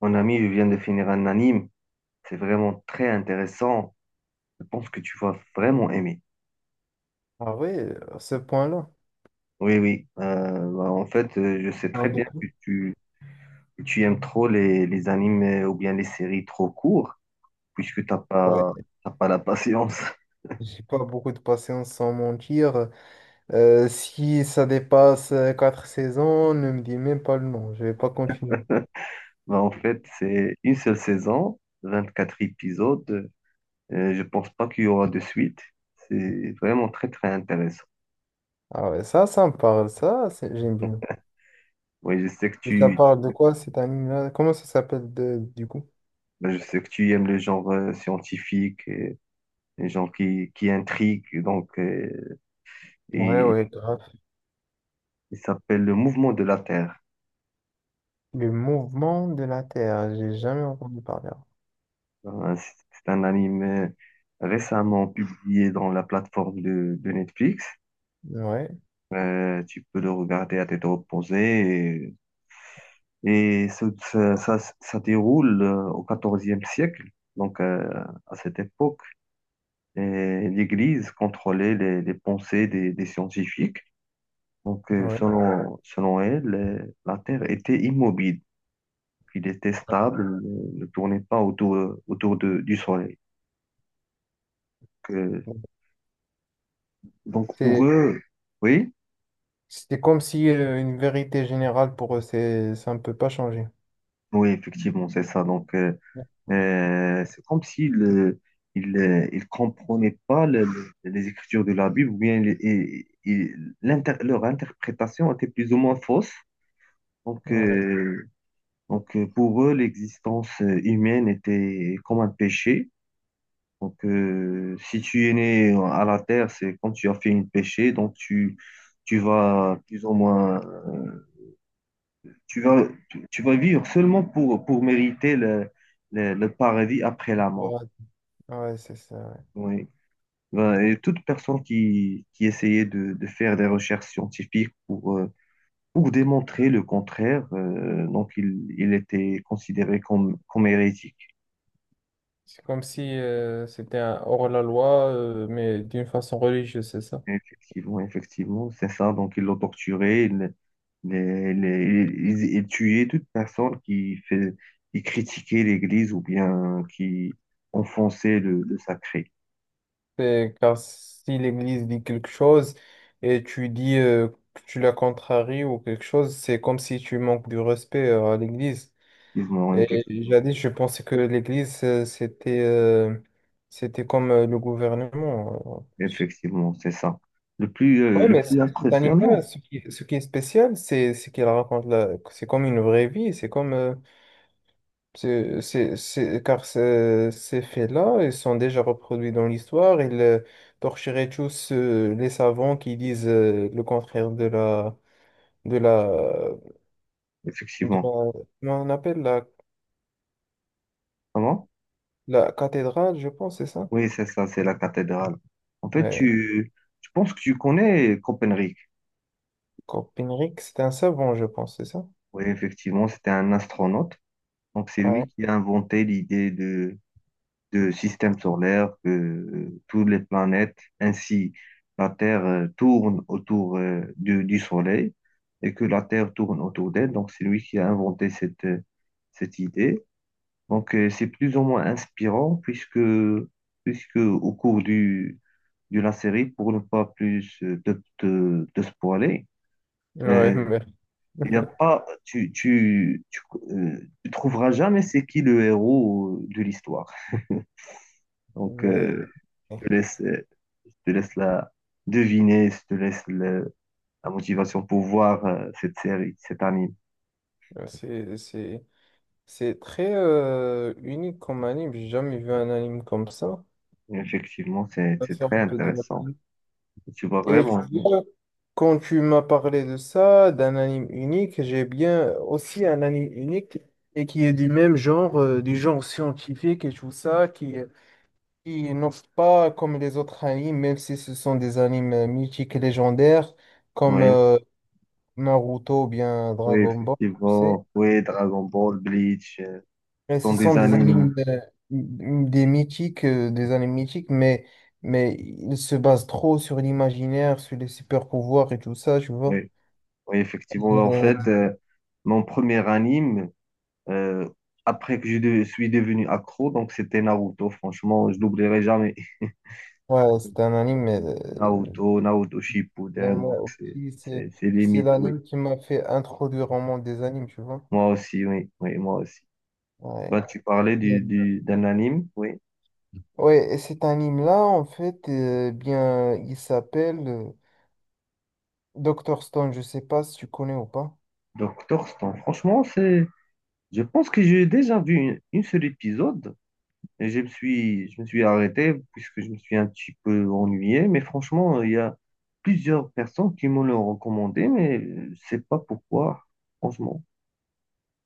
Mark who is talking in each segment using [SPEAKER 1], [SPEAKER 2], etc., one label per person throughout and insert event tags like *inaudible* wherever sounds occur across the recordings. [SPEAKER 1] Mon ami, je viens de finir un anime. C'est vraiment très intéressant. Je pense que tu vas vraiment aimer.
[SPEAKER 2] Ah ouais, à ce point-là.
[SPEAKER 1] Oui, oui. Bah, en fait, je sais
[SPEAKER 2] Ah,
[SPEAKER 1] très bien
[SPEAKER 2] beaucoup.
[SPEAKER 1] que tu aimes trop les animes ou bien les séries trop courtes, puisque
[SPEAKER 2] Ouais.
[SPEAKER 1] t'as pas la patience. *laughs*
[SPEAKER 2] J'ai pas beaucoup de patience sans mentir. Si ça dépasse quatre saisons, ne me dis même pas le nom, je vais pas continuer.
[SPEAKER 1] Bah, en fait, c'est une seule saison, 24 épisodes. Je pense pas qu'il y aura de suite. C'est vraiment très, très intéressant.
[SPEAKER 2] Ah ouais, ça me parle, ça, j'aime bien.
[SPEAKER 1] Oui, je sais que
[SPEAKER 2] Et ça
[SPEAKER 1] tu,
[SPEAKER 2] parle de quoi cet anime-là? Comment ça s'appelle du coup?
[SPEAKER 1] bah, je sais que tu aimes le genre scientifique. Un genre qui intrigue. Donc,
[SPEAKER 2] Ouais,
[SPEAKER 1] et,
[SPEAKER 2] ouais, grave.
[SPEAKER 1] il s'appelle Le Mouvement de la Terre.
[SPEAKER 2] Le mouvement de la Terre, j'ai jamais entendu parler.
[SPEAKER 1] Euh, C'est c'est un anime récemment publié dans la plateforme de Netflix.
[SPEAKER 2] Ouais,
[SPEAKER 1] Tu peux le regarder à tête reposée. Et, et ça déroule au XIVe siècle. Donc, à cette époque, et l'Église contrôlait les pensées des scientifiques. Donc,
[SPEAKER 2] ouais.
[SPEAKER 1] selon elle, la Terre était immobile. Il était stable, ne tournait pas autour du soleil. Que- donc pour
[SPEAKER 2] C'est,
[SPEAKER 1] eux, oui,
[SPEAKER 2] c'est comme si une vérité générale pour eux, ça ne peut pas changer.
[SPEAKER 1] oui, effectivement, c'est ça. Donc, c'est comme s'ils ne ils, ils comprenaient pas les écritures de la Bible, ou bien leur interprétation était plus ou moins fausse. Donc,
[SPEAKER 2] Ouais.
[SPEAKER 1] euh, donc, pour eux, l'existence humaine était comme un péché. Donc, si tu es né à la terre, c'est quand tu as fait une péché, donc tu vas plus ou moins, tu vas vivre seulement pour mériter le paradis après la mort.
[SPEAKER 2] Ouais, c'est ça, ouais.
[SPEAKER 1] Oui. Ben, et toute personne qui essayait de faire des recherches scientifiques pour démontrer le contraire, donc il était considéré comme hérétique.
[SPEAKER 2] C'est comme si c'était un hors-la-loi, mais d'une façon religieuse, c'est ça.
[SPEAKER 1] Effectivement, effectivement, c'est ça. Donc, ils l'ont torturé, ils, les- ils tuaient toute personne qui critiquait l'Église ou bien qui enfonçait le sacré.
[SPEAKER 2] C'est- car si l'Église dit quelque chose et tu dis que tu la contraries ou quelque chose, c'est comme si tu manques du respect à l'Église.
[SPEAKER 1] Effectivement,
[SPEAKER 2] Et
[SPEAKER 1] effectivement,
[SPEAKER 2] jadis, je pensais que l'Église, c'était c'était comme le gouvernement, en plus.
[SPEAKER 1] effectivement, c'est ça.
[SPEAKER 2] Ouais,
[SPEAKER 1] Le
[SPEAKER 2] mais
[SPEAKER 1] plus
[SPEAKER 2] cet animal,
[SPEAKER 1] impressionnant,
[SPEAKER 2] ce qui est spécial, c'est qu'il raconte c'est comme une vraie vie, c'est comme... c'est, c'est- car ces faits-là, ils sont déjà reproduits dans l'histoire. Ils torcheraient tous les savants qui disent le contraire de la, de la,
[SPEAKER 1] effectivement.
[SPEAKER 2] comment on appelle la,
[SPEAKER 1] Comment?
[SPEAKER 2] la cathédrale, je pense, c'est ça?
[SPEAKER 1] Oui, c'est ça, c'est la cathédrale. En fait,
[SPEAKER 2] Mais
[SPEAKER 1] tu penses que tu connais Copernic.
[SPEAKER 2] Copernic, c'est un savant, je pense, c'est ça?
[SPEAKER 1] Oui, effectivement, c'était un astronaute. Donc, c'est
[SPEAKER 2] Ouais,
[SPEAKER 1] lui qui a inventé l'idée de système solaire, que toutes les planètes, ainsi la Terre tourne autour du Soleil et que la Terre tourne autour d'elle. Donc c'est lui qui a inventé cette idée. Donc, c'est plus ou moins inspirant puisque, au cours de la série, pour ne pas plus te spoiler,
[SPEAKER 2] ouais,
[SPEAKER 1] euh,
[SPEAKER 2] mais,
[SPEAKER 1] il n'y a
[SPEAKER 2] *laughs*
[SPEAKER 1] pas, tu trouveras jamais c'est qui le héros de l'histoire. Donc,
[SPEAKER 2] mais
[SPEAKER 1] euh, Je te laisse, euh, je te laisse la deviner, je te laisse la motivation pour voir cette série, cet anime.
[SPEAKER 2] euh, c'est, c'est, c'est très unique comme anime. J'ai jamais vu un anime comme ça.
[SPEAKER 1] Et effectivement,
[SPEAKER 2] Ça
[SPEAKER 1] c'est
[SPEAKER 2] sort
[SPEAKER 1] très
[SPEAKER 2] un peu de
[SPEAKER 1] intéressant.
[SPEAKER 2] l'ordinaire.
[SPEAKER 1] Tu vois
[SPEAKER 2] Et tu
[SPEAKER 1] vraiment aimer.
[SPEAKER 2] vois, quand tu m'as parlé de ça, d'un anime unique, j'ai bien aussi un anime unique et qui est du même genre, du genre scientifique et tout ça, qui n'offre pas comme les autres animes, même si ce sont des animes mythiques et légendaires, comme
[SPEAKER 1] Oui,
[SPEAKER 2] Naruto ou bien
[SPEAKER 1] oui,
[SPEAKER 2] Dragon Ball, tu sais.
[SPEAKER 1] effectivement. Oui, Dragon Ball, Bleach,
[SPEAKER 2] Et
[SPEAKER 1] sont
[SPEAKER 2] ce sont
[SPEAKER 1] des
[SPEAKER 2] des
[SPEAKER 1] animes.
[SPEAKER 2] animes, des mythiques, des animes mythiques, mais ils se basent trop sur l'imaginaire, sur les super pouvoirs et tout ça, tu vois.
[SPEAKER 1] Oui, oui, effectivement. En
[SPEAKER 2] Euh,
[SPEAKER 1] fait, mon premier anime, euh, après que suis devenu accro, donc c'était Naruto. Franchement, je n'oublierai jamais.
[SPEAKER 2] Ouais, c'est un anime,
[SPEAKER 1] *laughs* Naruto, Naruto
[SPEAKER 2] mais
[SPEAKER 1] Shippuden,
[SPEAKER 2] moi
[SPEAKER 1] donc
[SPEAKER 2] aussi,
[SPEAKER 1] c'est
[SPEAKER 2] c'est
[SPEAKER 1] limite, oui.
[SPEAKER 2] l'anime qui m'a fait introduire au monde des animes, tu vois.
[SPEAKER 1] Moi aussi, oui, oui, moi aussi. Bah,
[SPEAKER 2] Ouais.
[SPEAKER 1] tu parlais
[SPEAKER 2] Et-
[SPEAKER 1] d'un anime, oui.
[SPEAKER 2] Ouais, et cet anime-là, en fait, bien, il s'appelle Dr. Stone, je sais pas si tu connais ou pas.
[SPEAKER 1] Doctor Stone. Franchement, je pense que j'ai déjà vu une seule épisode et je me suis arrêté puisque je me suis un petit peu ennuyé. Mais franchement, il y a plusieurs personnes qui me l'ont recommandé, mais je sais pas pourquoi. Franchement,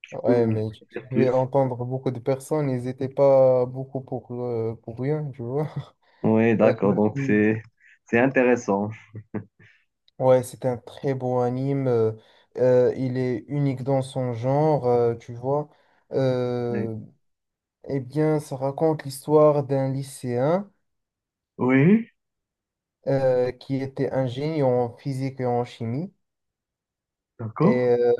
[SPEAKER 1] tu peux
[SPEAKER 2] Ouais,
[SPEAKER 1] me
[SPEAKER 2] mais
[SPEAKER 1] dire
[SPEAKER 2] je vais
[SPEAKER 1] plus.
[SPEAKER 2] entendre beaucoup de personnes, ils n'étaient pas beaucoup pour rien, tu vois. *laughs*
[SPEAKER 1] Oui,
[SPEAKER 2] Euh,
[SPEAKER 1] d'accord. Donc,
[SPEAKER 2] Mm.
[SPEAKER 1] c'est intéressant.
[SPEAKER 2] Ouais, c'est un très beau anime, il est unique dans son genre, tu vois.
[SPEAKER 1] Oui,
[SPEAKER 2] Euh, Eh bien, ça raconte l'histoire d'un lycéen
[SPEAKER 1] oui,
[SPEAKER 2] qui était ingénieur en physique et en chimie.
[SPEAKER 1] d'accord.
[SPEAKER 2] Et, euh,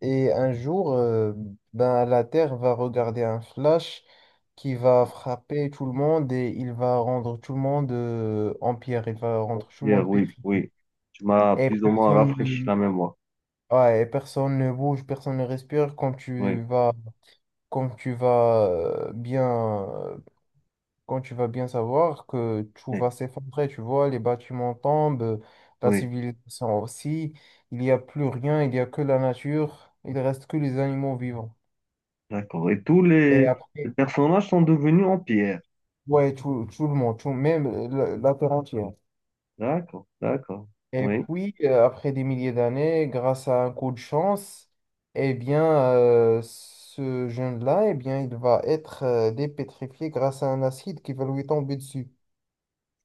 [SPEAKER 2] et un jour, ben, la Terre va regarder un flash qui va frapper tout le monde et il va rendre tout le monde en pierre, il va rendre tout le
[SPEAKER 1] Hier,
[SPEAKER 2] monde
[SPEAKER 1] oui,
[SPEAKER 2] pétrifié.
[SPEAKER 1] oui. Tu m'as
[SPEAKER 2] Et
[SPEAKER 1] plus ou moins
[SPEAKER 2] personne
[SPEAKER 1] rafraîchi
[SPEAKER 2] ne,
[SPEAKER 1] la mémoire.
[SPEAKER 2] ouais, et personne ne bouge, personne ne respire
[SPEAKER 1] Oui,
[SPEAKER 2] quand tu vas bien quand tu vas bien savoir que tout
[SPEAKER 1] oui,
[SPEAKER 2] va s'effondrer, tu vois, les bâtiments tombent, la
[SPEAKER 1] oui,
[SPEAKER 2] civilisation aussi, il n'y a plus rien, il n'y a que la nature, il reste que les animaux vivants.
[SPEAKER 1] d'accord. Et tous
[SPEAKER 2] Et
[SPEAKER 1] les
[SPEAKER 2] après,
[SPEAKER 1] personnages sont devenus en pierre.
[SPEAKER 2] ouais, tout, tout le monde, tout, même la, la terre entière.
[SPEAKER 1] D'accord, d'accord.
[SPEAKER 2] Et
[SPEAKER 1] Oui,
[SPEAKER 2] puis, après des milliers d'années, grâce à un coup de chance, eh bien, ce jeune-là, eh bien, il va être dépétrifié grâce à un acide qui va lui tomber dessus.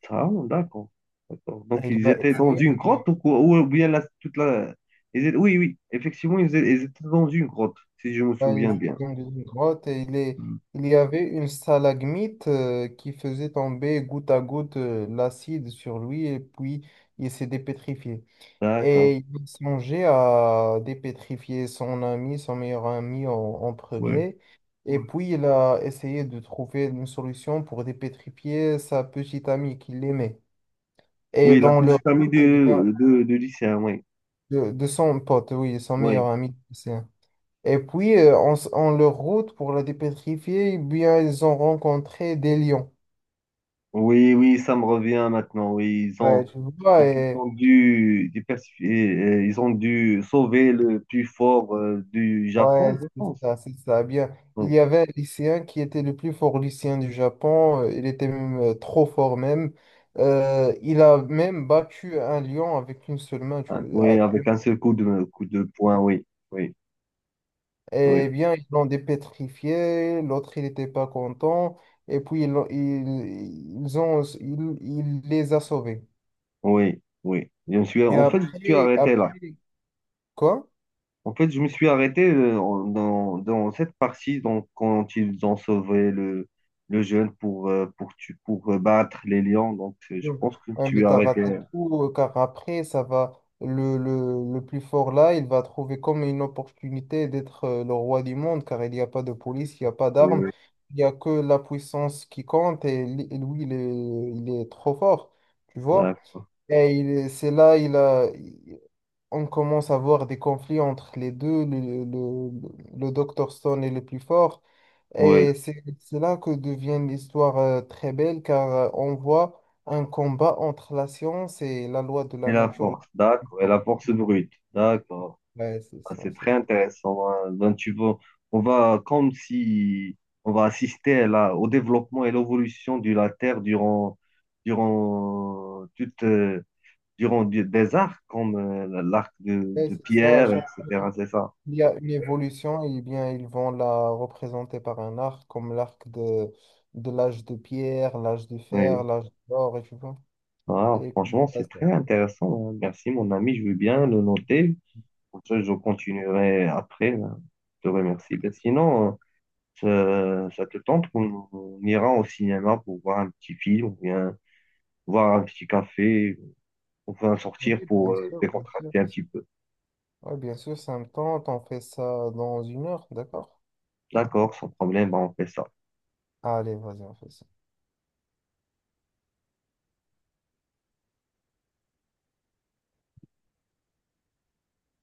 [SPEAKER 1] ça, d'accord. D'accord.
[SPEAKER 2] Et
[SPEAKER 1] Donc
[SPEAKER 2] il
[SPEAKER 1] ils
[SPEAKER 2] va
[SPEAKER 1] étaient dans
[SPEAKER 2] essayer
[SPEAKER 1] une
[SPEAKER 2] de.
[SPEAKER 1] grotte ou quoi? Ou bien la, toute la. Oui, oui, effectivement, ils étaient dans une grotte, si je me souviens
[SPEAKER 2] Ouais,
[SPEAKER 1] bien.
[SPEAKER 2] dans une grotte et
[SPEAKER 1] Hmm.
[SPEAKER 2] il y avait une stalagmite qui faisait tomber goutte à goutte l'acide sur lui et puis il s'est dépétrifié.
[SPEAKER 1] D'accord.
[SPEAKER 2] Et il songeait à dépétrifier son ami, son meilleur ami en
[SPEAKER 1] Ouais,
[SPEAKER 2] premier. Et
[SPEAKER 1] ouais.
[SPEAKER 2] puis il a essayé de trouver une solution pour dépétrifier sa petite amie qu'il aimait. Et
[SPEAKER 1] Oui, la
[SPEAKER 2] dans leur
[SPEAKER 1] petite amie
[SPEAKER 2] route, eh bien,
[SPEAKER 1] de lycéen, oui.
[SPEAKER 2] de son pote, oui, son
[SPEAKER 1] Oui.
[SPEAKER 2] meilleur ami, c'est. Et puis, en leur route pour la dépétrifier, eh bien, ils ont rencontré des lions.
[SPEAKER 1] Oui, oui, ça me revient maintenant. Oui, ils ont
[SPEAKER 2] Ouais, tu vois,
[SPEAKER 1] donc ils
[SPEAKER 2] et,
[SPEAKER 1] ont dû sauver le plus fort du Japon,
[SPEAKER 2] ouais,
[SPEAKER 1] je
[SPEAKER 2] c'est
[SPEAKER 1] pense.
[SPEAKER 2] ça, c'est ça. Eh bien, il
[SPEAKER 1] Oui,
[SPEAKER 2] y avait un lycéen qui était le plus fort lycéen du Japon. Il était même trop fort même. Il a même battu un lion avec une seule main.
[SPEAKER 1] ah, oui,
[SPEAKER 2] Ah,
[SPEAKER 1] avec un seul coup de poing. Oui, oui, oui,
[SPEAKER 2] eh bien, ils l'ont dépétrifié. L'autre, il n'était pas content. Et puis, ils, l'ont- ils ont, ils, il les a sauvés.
[SPEAKER 1] oui, oui. Je me suis,
[SPEAKER 2] Et
[SPEAKER 1] en fait, je me suis
[SPEAKER 2] après,
[SPEAKER 1] arrêté là.
[SPEAKER 2] après, quoi?
[SPEAKER 1] En fait, je me suis arrêté dans cette partie donc quand ils ont sauvé le jeune pour tu pour battre les lions. Donc, je
[SPEAKER 2] Yo.
[SPEAKER 1] pense que
[SPEAKER 2] Ouais,
[SPEAKER 1] tu es
[SPEAKER 2] mais t'as raté
[SPEAKER 1] arrêté.
[SPEAKER 2] tout, car après, ça va, le plus fort là, il va trouver comme une opportunité d'être le roi du monde, car il n'y a pas de police, il n'y a pas d'armes,
[SPEAKER 1] Oui,
[SPEAKER 2] il n'y a que la puissance qui compte, et lui, il est trop fort, tu vois.
[SPEAKER 1] d'accord.
[SPEAKER 2] Et c'est là, on commence à voir des conflits entre les deux, le Dr. Stone est le plus fort.
[SPEAKER 1] Oui.
[SPEAKER 2] Et c'est là que devient l'histoire très belle car on voit un combat entre la science et la loi de
[SPEAKER 1] Et
[SPEAKER 2] la
[SPEAKER 1] la
[SPEAKER 2] nature.
[SPEAKER 1] force, d'accord. Et la force brute, d'accord.
[SPEAKER 2] Ouais, c'est
[SPEAKER 1] Ah,
[SPEAKER 2] ça,
[SPEAKER 1] c'est
[SPEAKER 2] c'est
[SPEAKER 1] très
[SPEAKER 2] ça.
[SPEAKER 1] intéressant, hein. Donc, tu vois, on va comme si on va assister là, au développement et l'évolution de la Terre durant, toute, euh, durant des arcs comme l'arc
[SPEAKER 2] Ouais,
[SPEAKER 1] de
[SPEAKER 2] c'est ça. Chaque
[SPEAKER 1] Pierre, etc.
[SPEAKER 2] fois
[SPEAKER 1] C'est ça.
[SPEAKER 2] qu'il y a une évolution, et bien, ils vont la représenter par un arc, comme l'arc de l'âge de pierre, l'âge de fer,
[SPEAKER 1] Oui.
[SPEAKER 2] l'âge d'or, et tu vois.
[SPEAKER 1] Ah,
[SPEAKER 2] Et comme
[SPEAKER 1] franchement,
[SPEAKER 2] ça,
[SPEAKER 1] c'est
[SPEAKER 2] ça-
[SPEAKER 1] très intéressant, hein. Merci, mon ami. Je veux bien le noter. Comme ça, je continuerai après, hein. Je te remercie. Mais sinon, ça te tente qu'on on ira au cinéma pour voir un petit film ou bien voir un petit café, on va
[SPEAKER 2] Oui,
[SPEAKER 1] sortir pour
[SPEAKER 2] bien sûr, bien sûr.
[SPEAKER 1] décontracter un petit peu.
[SPEAKER 2] Ouais, bien sûr, ça me tente. On fait ça dans une heure, d'accord?
[SPEAKER 1] D'accord, sans problème, bah, on fait ça.
[SPEAKER 2] Allez, vas-y, on fait ça.